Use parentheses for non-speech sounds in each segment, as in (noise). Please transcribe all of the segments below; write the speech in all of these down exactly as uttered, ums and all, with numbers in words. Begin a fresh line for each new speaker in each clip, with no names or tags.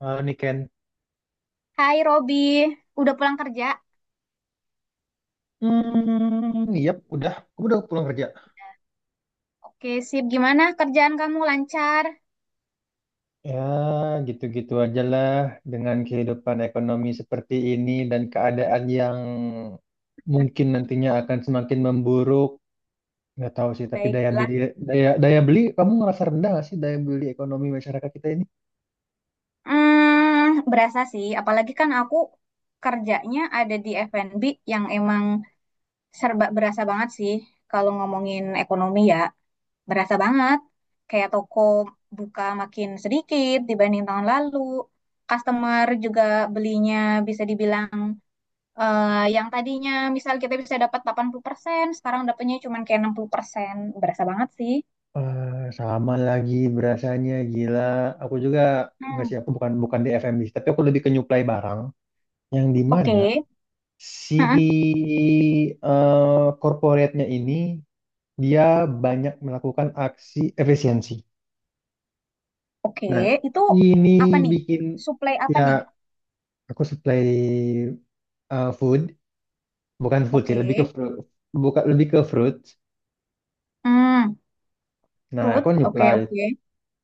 Eh, Niken.
Hai Robi, udah pulang kerja?
Hmm, iya, udah. Aku udah pulang kerja.
Oke, sip. Gimana kerjaan kamu lancar?
Ya, gitu-gitu aja lah dengan kehidupan ekonomi seperti ini dan keadaan yang mungkin nantinya akan semakin memburuk. Nggak tahu sih, tapi daya
Baiklah.
beli daya daya beli kamu ngerasa rendah nggak sih daya beli ekonomi masyarakat kita ini?
Hmm, berasa sih. Apalagi kan aku kerjanya ada di F and B yang emang serba berasa banget sih. Kalau ngomongin ekonomi ya, berasa banget. Kayak toko buka makin sedikit dibanding tahun lalu. Customer juga belinya bisa dibilang Eh, yang tadinya misal kita bisa dapat delapan puluh persen sekarang dapatnya cuma kayak enam puluh persen. Berasa banget sih.
Eh, sama lagi berasanya gila. Aku juga nggak
Hmm,
sih, aku bukan bukan di F M B, tapi aku lebih ke nyuplai barang yang di mana
oke.
si
Hah,
eh corporate-nya ini dia banyak melakukan aksi efisiensi.
oke.
Nah,
Itu
ini
apa nih?
bikin
Supply apa
ya
nih?
aku supply eh, food, bukan food sih, lebih ke
Oke.
fruit, bukan lebih ke fruit.
Hmm,
Nah,
fruit.
aku
Oke,
nyuplai
oke.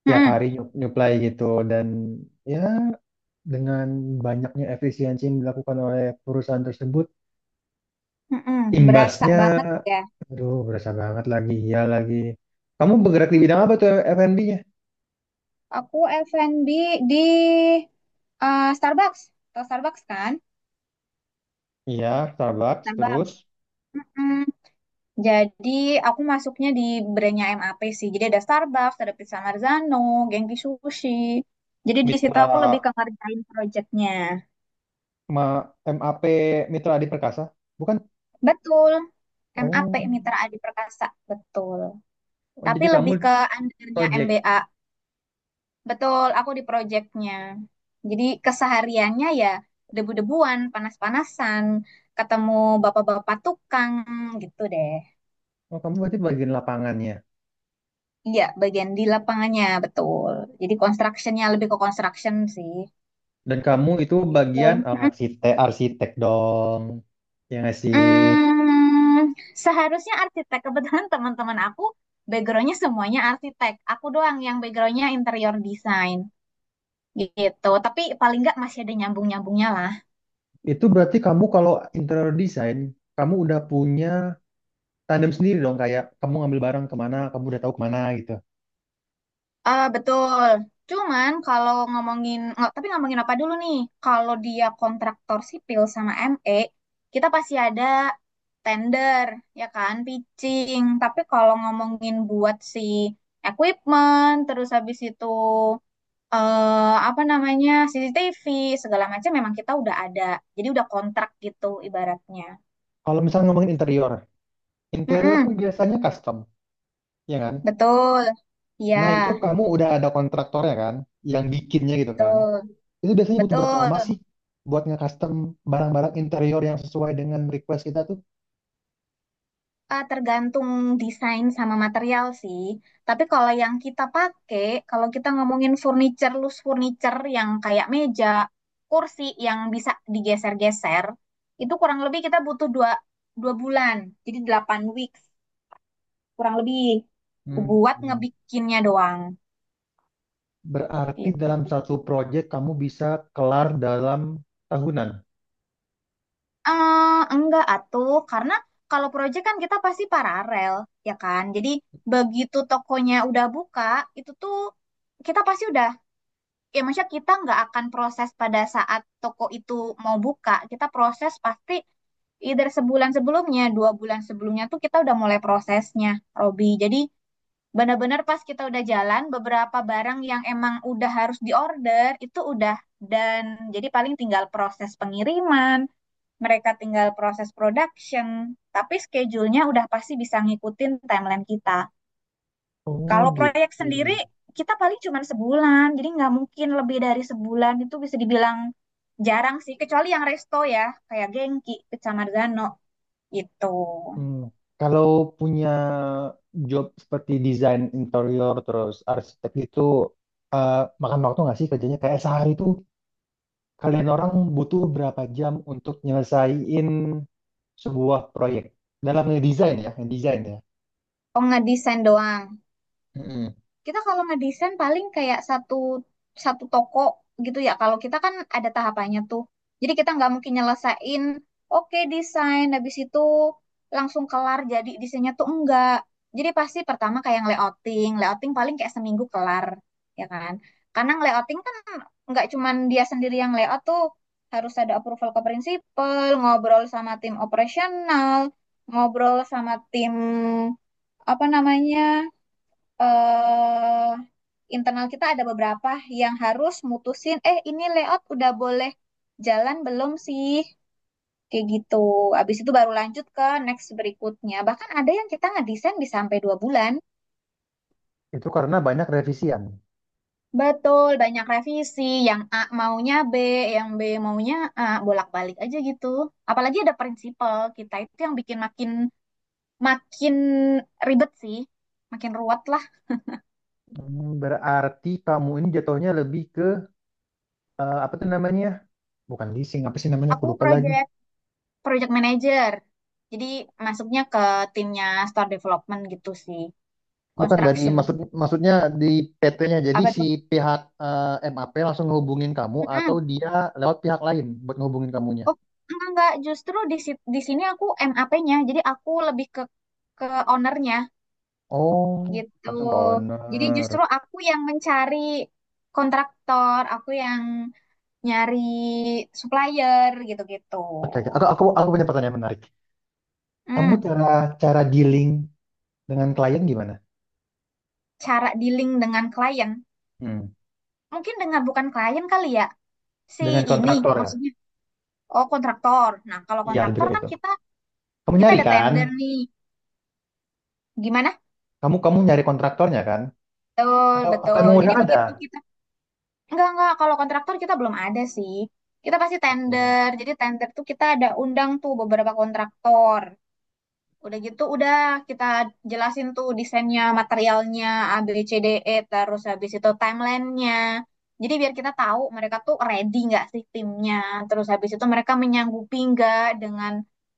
tiap
Hmm,
hari nyu- nyuplai gitu dan ya dengan banyaknya efisiensi yang dilakukan oleh perusahaan tersebut,
hmm, berasa
imbasnya
banget ya.
aduh berasa banget lagi ya lagi. Kamu bergerak di bidang apa tuh, F and B?
Aku F and B di eh, Starbucks. Atau Starbucks kan?
Iya, Starbucks. Terus
Starbucks. Hmm, jadi aku masuknya di brandnya M A P sih. Jadi ada Starbucks, ada Pizza Marzano, Genki Sushi. Jadi di situ
Mitra
aku lebih ke ngerjain proyeknya.
ma- M A P, Mitra Adi Perkasa, bukan?
Betul, M A P
Oh,
Mitra Adi Perkasa, betul.
oh,
Tapi
jadi kamu
lebih ke undernya M
project.
B A. Betul, aku di proyeknya. Jadi kesehariannya ya debu-debuan, panas-panasan, ketemu bapak-bapak tukang gitu deh.
Oh, kamu berarti bagian lapangannya.
Iya, bagian di lapangannya, betul. Jadi constructionnya lebih ke construction sih.
Dan kamu itu
Gitu.
bagian oh, arsitek, arsitek dong. Ya nggak sih?
Mm, seharusnya arsitek. Kebetulan teman-teman aku backgroundnya semuanya arsitek. Aku doang yang backgroundnya interior design gitu. Tapi paling nggak masih ada nyambung-nyambungnya lah.
Itu berarti kamu kalau interior design, kamu udah punya tandem sendiri dong. Kayak kamu ngambil barang kemana, kamu udah tahu kemana gitu.
Ah betul. Cuman kalau ngomongin, nggak, tapi ngomongin apa dulu nih? Kalau dia kontraktor sipil sama M E, kita pasti ada tender, ya kan, pitching. Tapi kalau ngomongin buat si equipment, terus habis itu eh apa namanya C C T V segala macam memang kita udah ada, jadi udah kontrak gitu ibaratnya.
Kalau misalnya ngomongin interior, interior kan
Mm-mm,
biasanya custom, ya kan?
betul ya
Nah, itu kamu udah ada kontraktornya kan, yang bikinnya gitu kan.
betul
Itu biasanya butuh berapa lama
betul.
sih buat nge-custom barang-barang interior yang sesuai dengan request kita tuh?
Eh, tergantung desain sama material sih, tapi kalau yang kita pakai, kalau kita ngomongin furniture loose furniture yang kayak meja kursi yang bisa digeser-geser, itu kurang lebih kita butuh dua dua bulan, jadi delapan weeks kurang lebih buat
Hmm.
ngebikinnya doang.
Berarti dalam
Gitu.
satu project kamu bisa kelar dalam tahunan.
Eh, enggak atuh, karena kalau proyek kan kita pasti paralel, ya kan? Jadi begitu tokonya udah buka, itu tuh kita pasti udah, ya maksudnya kita nggak akan proses pada saat toko itu mau buka, kita proses pasti either sebulan sebelumnya, dua bulan sebelumnya tuh kita udah mulai prosesnya, Robi. Jadi benar-benar pas kita udah jalan, beberapa barang yang emang udah harus diorder itu udah, dan jadi paling tinggal proses pengiriman, mereka tinggal proses production, tapi schedule-nya udah pasti bisa ngikutin timeline kita.
Oh,
Kalau
gitu.
proyek sendiri, kita paling cuma sebulan, jadi nggak mungkin lebih dari sebulan, itu bisa dibilang jarang sih, kecuali yang resto ya, kayak Genki, Kecamar Gano, gitu.
Hmm. Kalau punya job seperti desain interior terus arsitek itu eh, makan waktu nggak sih kerjanya? Kayak sehari tuh kalian orang butuh berapa jam untuk nyelesain sebuah proyek dalam ngedesain ya, ngedesain ya.
Oh, ngedesain doang.
Mm-mm.
Kita kalau ngedesain paling kayak satu satu toko gitu ya. Kalau kita kan ada tahapannya tuh. Jadi kita nggak mungkin nyelesain, oke desain, habis itu langsung kelar jadi desainnya tuh enggak. Jadi pasti pertama kayak layouting, layouting paling kayak seminggu kelar, ya kan? Karena layouting kan nggak cuman dia sendiri yang layout tuh, harus ada approval ke prinsipal, ngobrol sama tim operasional, ngobrol sama tim apa namanya? eh Internal kita ada beberapa yang harus mutusin, eh ini layout udah boleh jalan belum sih? Kayak gitu. Habis itu baru lanjut ke next berikutnya. Bahkan ada yang kita ngedesain bisa sampai dua bulan.
Itu karena banyak revisian.
Betul, banyak revisi. Yang A maunya B, yang B maunya A, bolak-balik aja gitu. Apalagi ada prinsipal kita itu yang bikin makin makin ribet sih, makin ruwet lah.
Hmm, berarti kamu ini jatuhnya lebih ke eh, apa tuh namanya? Bukan leasing, apa sih namanya? Aku
Aku
lupa lagi.
proyek project manager. Jadi masuknya ke timnya store development gitu sih,
Bukan dari
construction.
maksud maksudnya di P T-nya. Jadi
Apa
si
tuh?
pihak eh, map langsung ngehubungin kamu atau
Mm-mm.
dia lewat pihak lain buat ngehubungin kamunya.
Oh, enggak enggak, justru di sit- di sini aku M A p nya. Jadi aku lebih ke ke ownernya
Oh,
gitu.
langsung ke
Jadi
owner.
justru aku yang mencari kontraktor, aku yang nyari supplier gitu-gitu.
Oke, oke. Aku aku aku punya pertanyaan menarik. Kamu
Hmm,
cara cara dealing dengan klien gimana?
cara dealing dengan klien.
Hmm.
Mungkin dengan bukan klien kali ya. Si
Dengan
ini
kontraktor ya?
maksudnya. Oh, kontraktor. Nah, kalau
Iya,
kontraktor
juga
kan
itu.
kita
Kamu
kita
nyari
ada
kan?
tender nih. Gimana?
Kamu kamu nyari kontraktornya kan?
Betul,
Atau atau
betul.
emang udah
Jadi
ada?
begitu kita enggak enggak kalau kontraktor kita belum ada sih. Kita pasti
Oke.
tender. Jadi tender tuh kita ada undang tuh beberapa kontraktor. Udah gitu, udah kita jelasin tuh desainnya, materialnya, A, B, C, D, E, terus habis itu timelinenya. Jadi biar kita tahu mereka tuh ready nggak sih timnya. Terus habis itu mereka menyanggupi nggak dengan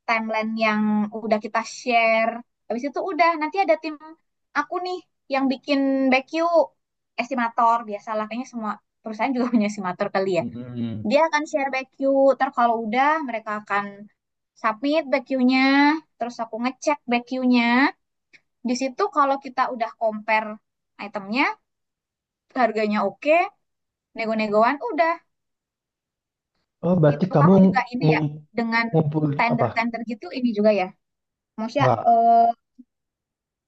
timeline yang udah kita share. Habis itu udah, nanti ada tim aku nih yang bikin back you estimator. Biasalah, kayaknya semua perusahaan juga (laughs) punya estimator kali ya.
Mm-mm.
Dia akan share back queue. Ntar kalau udah mereka akan submit back queue-nya, terus aku ngecek back queue-nya. Di situ kalau kita udah compare itemnya, harganya oke, nego-negoan udah
Oh, berarti
gitu.
kamu
Kamu juga ini
ngum,
ya dengan
ngumpul apa?
tender-tender gitu ini juga ya. Maksudnya
Enggak,
eh,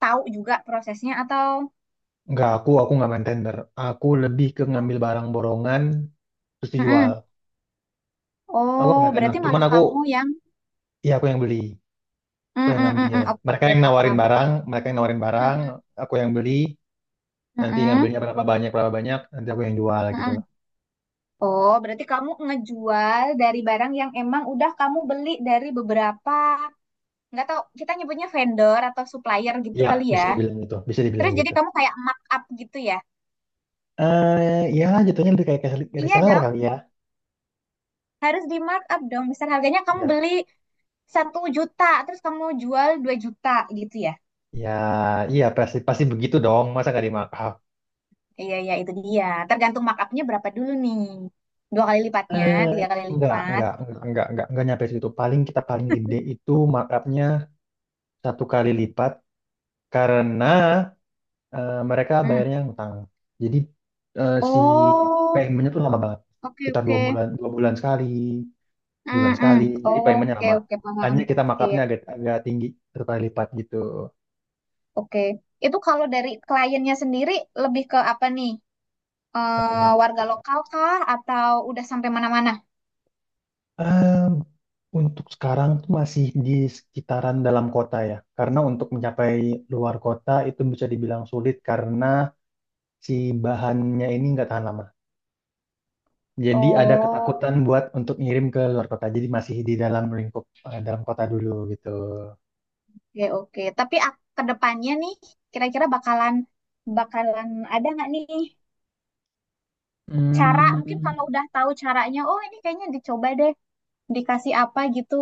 tahu juga prosesnya atau.
enggak aku aku nggak main tender. Aku lebih ke ngambil barang borongan terus dijual.
Mm-mm.
Aku nggak
Oh,
main tender.
berarti
Cuman
malah
aku
kamu yang
ya aku yang beli, aku
mm
yang
-mm, mm,
ngambil.
mm.
Mereka
Oke,
yang nawarin
paham.
barang, mereka yang nawarin barang,
Mm-mm,
aku yang beli. Nanti
mm-mm,
ngambilnya berapa banyak berapa banyak, nanti aku yang jual gitu loh.
mm-mm. Oh, berarti kamu ngejual dari barang yang emang udah kamu beli dari beberapa, nggak tahu kita nyebutnya vendor atau supplier gitu
Ya,
kali ya.
bisa dibilang gitu, bisa dibilang
Terus jadi
gitu.
kamu kayak markup gitu ya.
Eh, ya jatuhnya lebih kayak kayak
Iya
reseller
dong,
kali ya.
harus di markup dong. Misal harganya kamu
Ya,
beli satu juta, terus kamu jual dua juta gitu ya.
ya, iya pasti pasti begitu dong. Masa nggak dimarkup?
Iya, iya itu dia. Tergantung markupnya berapa dulu nih. Dua kali lipatnya,
Eh,
tiga kali
enggak,
lipat.
enggak, enggak, enggak, enggak, enggak nyampe situ. Paling kita paling gede itu markupnya satu kali lipat karena eh, mereka
Hmm.
bayarnya ngutang. Jadi eh, si
Oh,
paymentnya tuh lama banget.
oke
Kita dua
oke.
bulan, dua bulan sekali, bulan
Hmm, hmm.
sekali. Jadi
Oh,
paymentnya
oke
lama.
oke paham.
Makanya kita
Iya.
markupnya agak agak tinggi satu kali lipat gitu.
Oke, itu kalau dari kliennya sendiri lebih ke apa nih? Eh, warga lokal kah atau udah sampai mana-mana?
Eee, untuk sekarang tuh masih di sekitaran dalam kota ya, karena untuk mencapai luar kota itu bisa dibilang sulit karena si bahannya ini nggak tahan lama. Jadi ada
Oh,
ketakutan buat untuk ngirim ke luar kota. Jadi masih di dalam lingkup eh, dalam kota dulu gitu.
oke oke. Tapi ak- ke depannya nih, kira-kira bakalan bakalan ada nggak nih cara? Mungkin
Hmm,
kalau udah tahu caranya, oh ini kayaknya dicoba deh, dikasih apa gitu,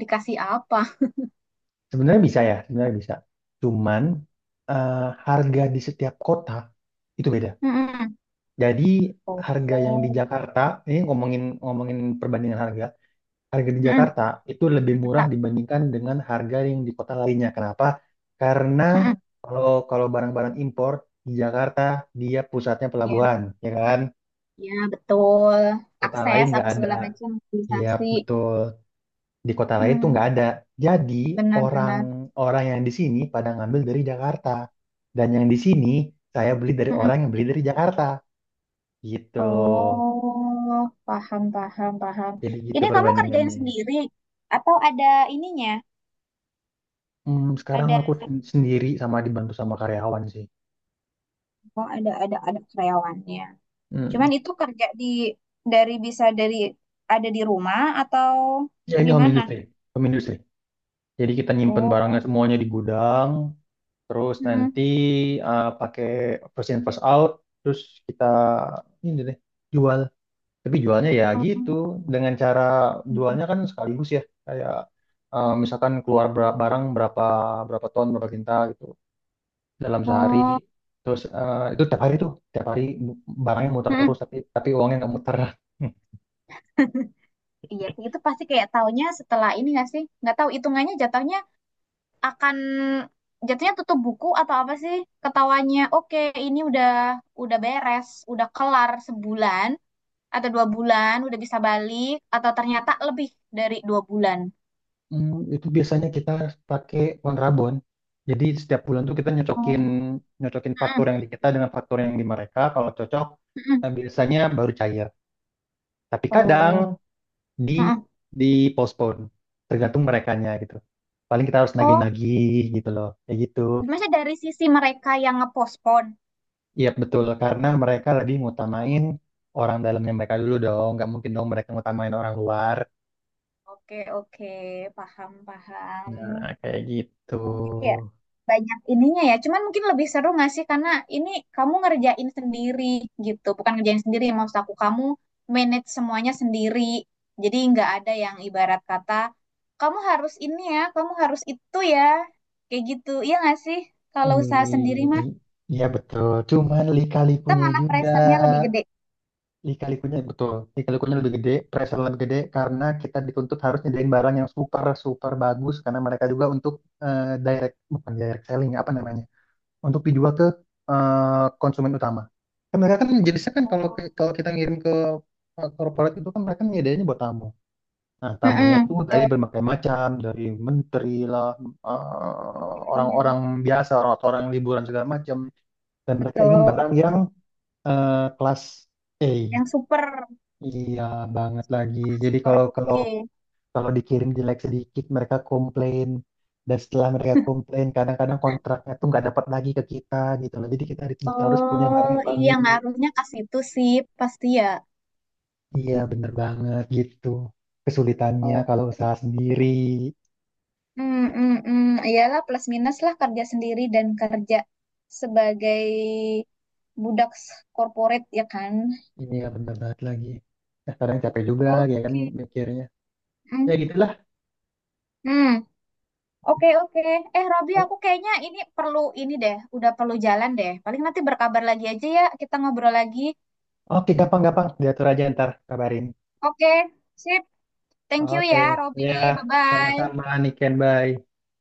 dikasih apa?
sebenarnya bisa ya, sebenarnya bisa. Cuman eh, harga di setiap kota itu beda.
Mm-mm.
Jadi
Oh,
harga yang di Jakarta, ini ngomongin ngomongin perbandingan harga, harga di
mm-mm.
Jakarta itu lebih murah
Jakarta.
dibandingkan dengan harga yang di kota lainnya. Kenapa? Karena
Mm-mm.
kalau kalau barang-barang impor di Jakarta dia pusatnya
Ya,
pelabuhan, ya kan?
ya betul.
Kota lain
Akses
nggak
apa
ada.
segala macam,
Iya,
mobilisasi.
betul. Di kota lain tuh
Hmm,
nggak ada. Jadi
benar-benar.
orang-orang yang di sini pada ngambil dari Jakarta. Dan yang di sini saya beli dari orang yang beli dari Jakarta. Gitu.
Oh, paham, paham, paham.
Jadi gitu
Ini kamu kerjain
perbandingannya.
sendiri atau ada ininya?
Hmm, sekarang
Ada
aku sen- sendiri sama dibantu sama karyawan sih.
oh, ada ada ada karyawannya.
Hmm.
Cuman itu kerja di dari bisa dari ada di rumah atau
Ya ini home
gimana?
industry, home industry. Jadi kita nyimpen barangnya
Oh,
semuanya di gudang, terus
mm-mm.
nanti eh, pakai first in first out, terus kita ini deh jual. Tapi jualnya ya gitu, dengan cara jualnya kan sekaligus ya, kayak eh, misalkan keluar ber- barang berapa berapa ton, berapa kintal gitu dalam sehari.
Oh,
Terus eh, itu tiap hari tuh, tiap hari barangnya muter terus,
mm-mm.
tapi tapi uangnya nggak muter.
Iya sih, itu pasti kayak taunya setelah ini nggak sih? Nggak tahu hitungannya jatuhnya akan jatuhnya tutup buku atau apa sih ketawanya oke ini udah udah beres udah kelar sebulan atau dua bulan udah bisa balik atau ternyata lebih dari dua bulan.
Hmm, itu biasanya kita pakai kontrabon. Jadi setiap bulan tuh kita
Oh,
nyocokin nyocokin faktur
mm-mm,
yang di kita dengan faktur yang di mereka. Kalau cocok,
mm-mm,
nah biasanya baru cair. Tapi kadang
oh.
di
Mm-mm.
di postpone, tergantung merekanya gitu. Paling kita harus
Oh,
nagih-nagih gitu loh, kayak gitu.
maksudnya dari sisi mereka yang ngepospon.
Iya betul, karena mereka lebih ngutamain orang dalamnya mereka dulu dong. Nggak mungkin dong mereka ngutamain orang luar.
Oke oke paham paham.
Nah, kayak gitu.
Oh, jadi ya banyak ininya ya. Cuman mungkin lebih seru nggak sih karena ini kamu ngerjain sendiri gitu. Bukan ngerjain sendiri, maksud aku kamu manage semuanya sendiri. Jadi nggak ada yang ibarat kata kamu harus ini ya, kamu harus itu ya. Kayak gitu. Iya nggak sih? Kalau usaha sendiri mah
I- Iya betul, cuman
kita
lika-likunya
malah
juga
pressure-nya lebih gede.
lika-likunya betul, lika-likunya lebih gede, pressure lebih gede karena kita dituntut harus nyediain barang yang super super bagus karena mereka juga untuk eh, direct bukan direct selling apa namanya untuk dijual ke eh, konsumen utama. Kan mereka kan jenisnya kan kalau
Oh.
ke- kalau kita ngirim ke eh, corporate itu kan mereka nyediainnya buat tamu. Nah, tamunya itu
Mm-mm,
dari
betul.
berbagai macam, dari menteri lah, eh,
Iya, iya.
orang-orang biasa, orang-orang liburan segala macam dan mereka ingin
Betul.
barang yang
Oke.
eh, kelas A.
Yang super
Iya banget lagi.
super
Jadi
super
kalau kalau
oke.
kalau dikirim jelek sedikit mereka komplain dan setelah mereka komplain kadang-kadang kontraknya tuh nggak dapat lagi ke kita gitu loh. Jadi kita harus harus punya barang
Oh
yang
iya
bagus.
ngaruhnya ke situ sih pasti ya.
Iya bener banget gitu. Kesulitannya
Oke,
kalau usaha sendiri
hmm hmm mm. Iyalah plus minus lah kerja sendiri dan kerja sebagai budak s- corporate ya kan.
ini ya bener banget lagi. Nah, kadang capek juga ya kan
Oke.
mikirnya.
Hmm
Ya gitulah.
mm. Oke, oke. Eh, Robi, aku kayaknya ini perlu ini deh, udah perlu jalan deh. Paling nanti berkabar lagi aja ya, kita ngobrol lagi.
Oke gampang-gampang diatur aja ntar kabarin.
Oke, sip. Thank you
Oke,
ya, Robi.
ya
Bye-bye.
sama-sama Niken, bye.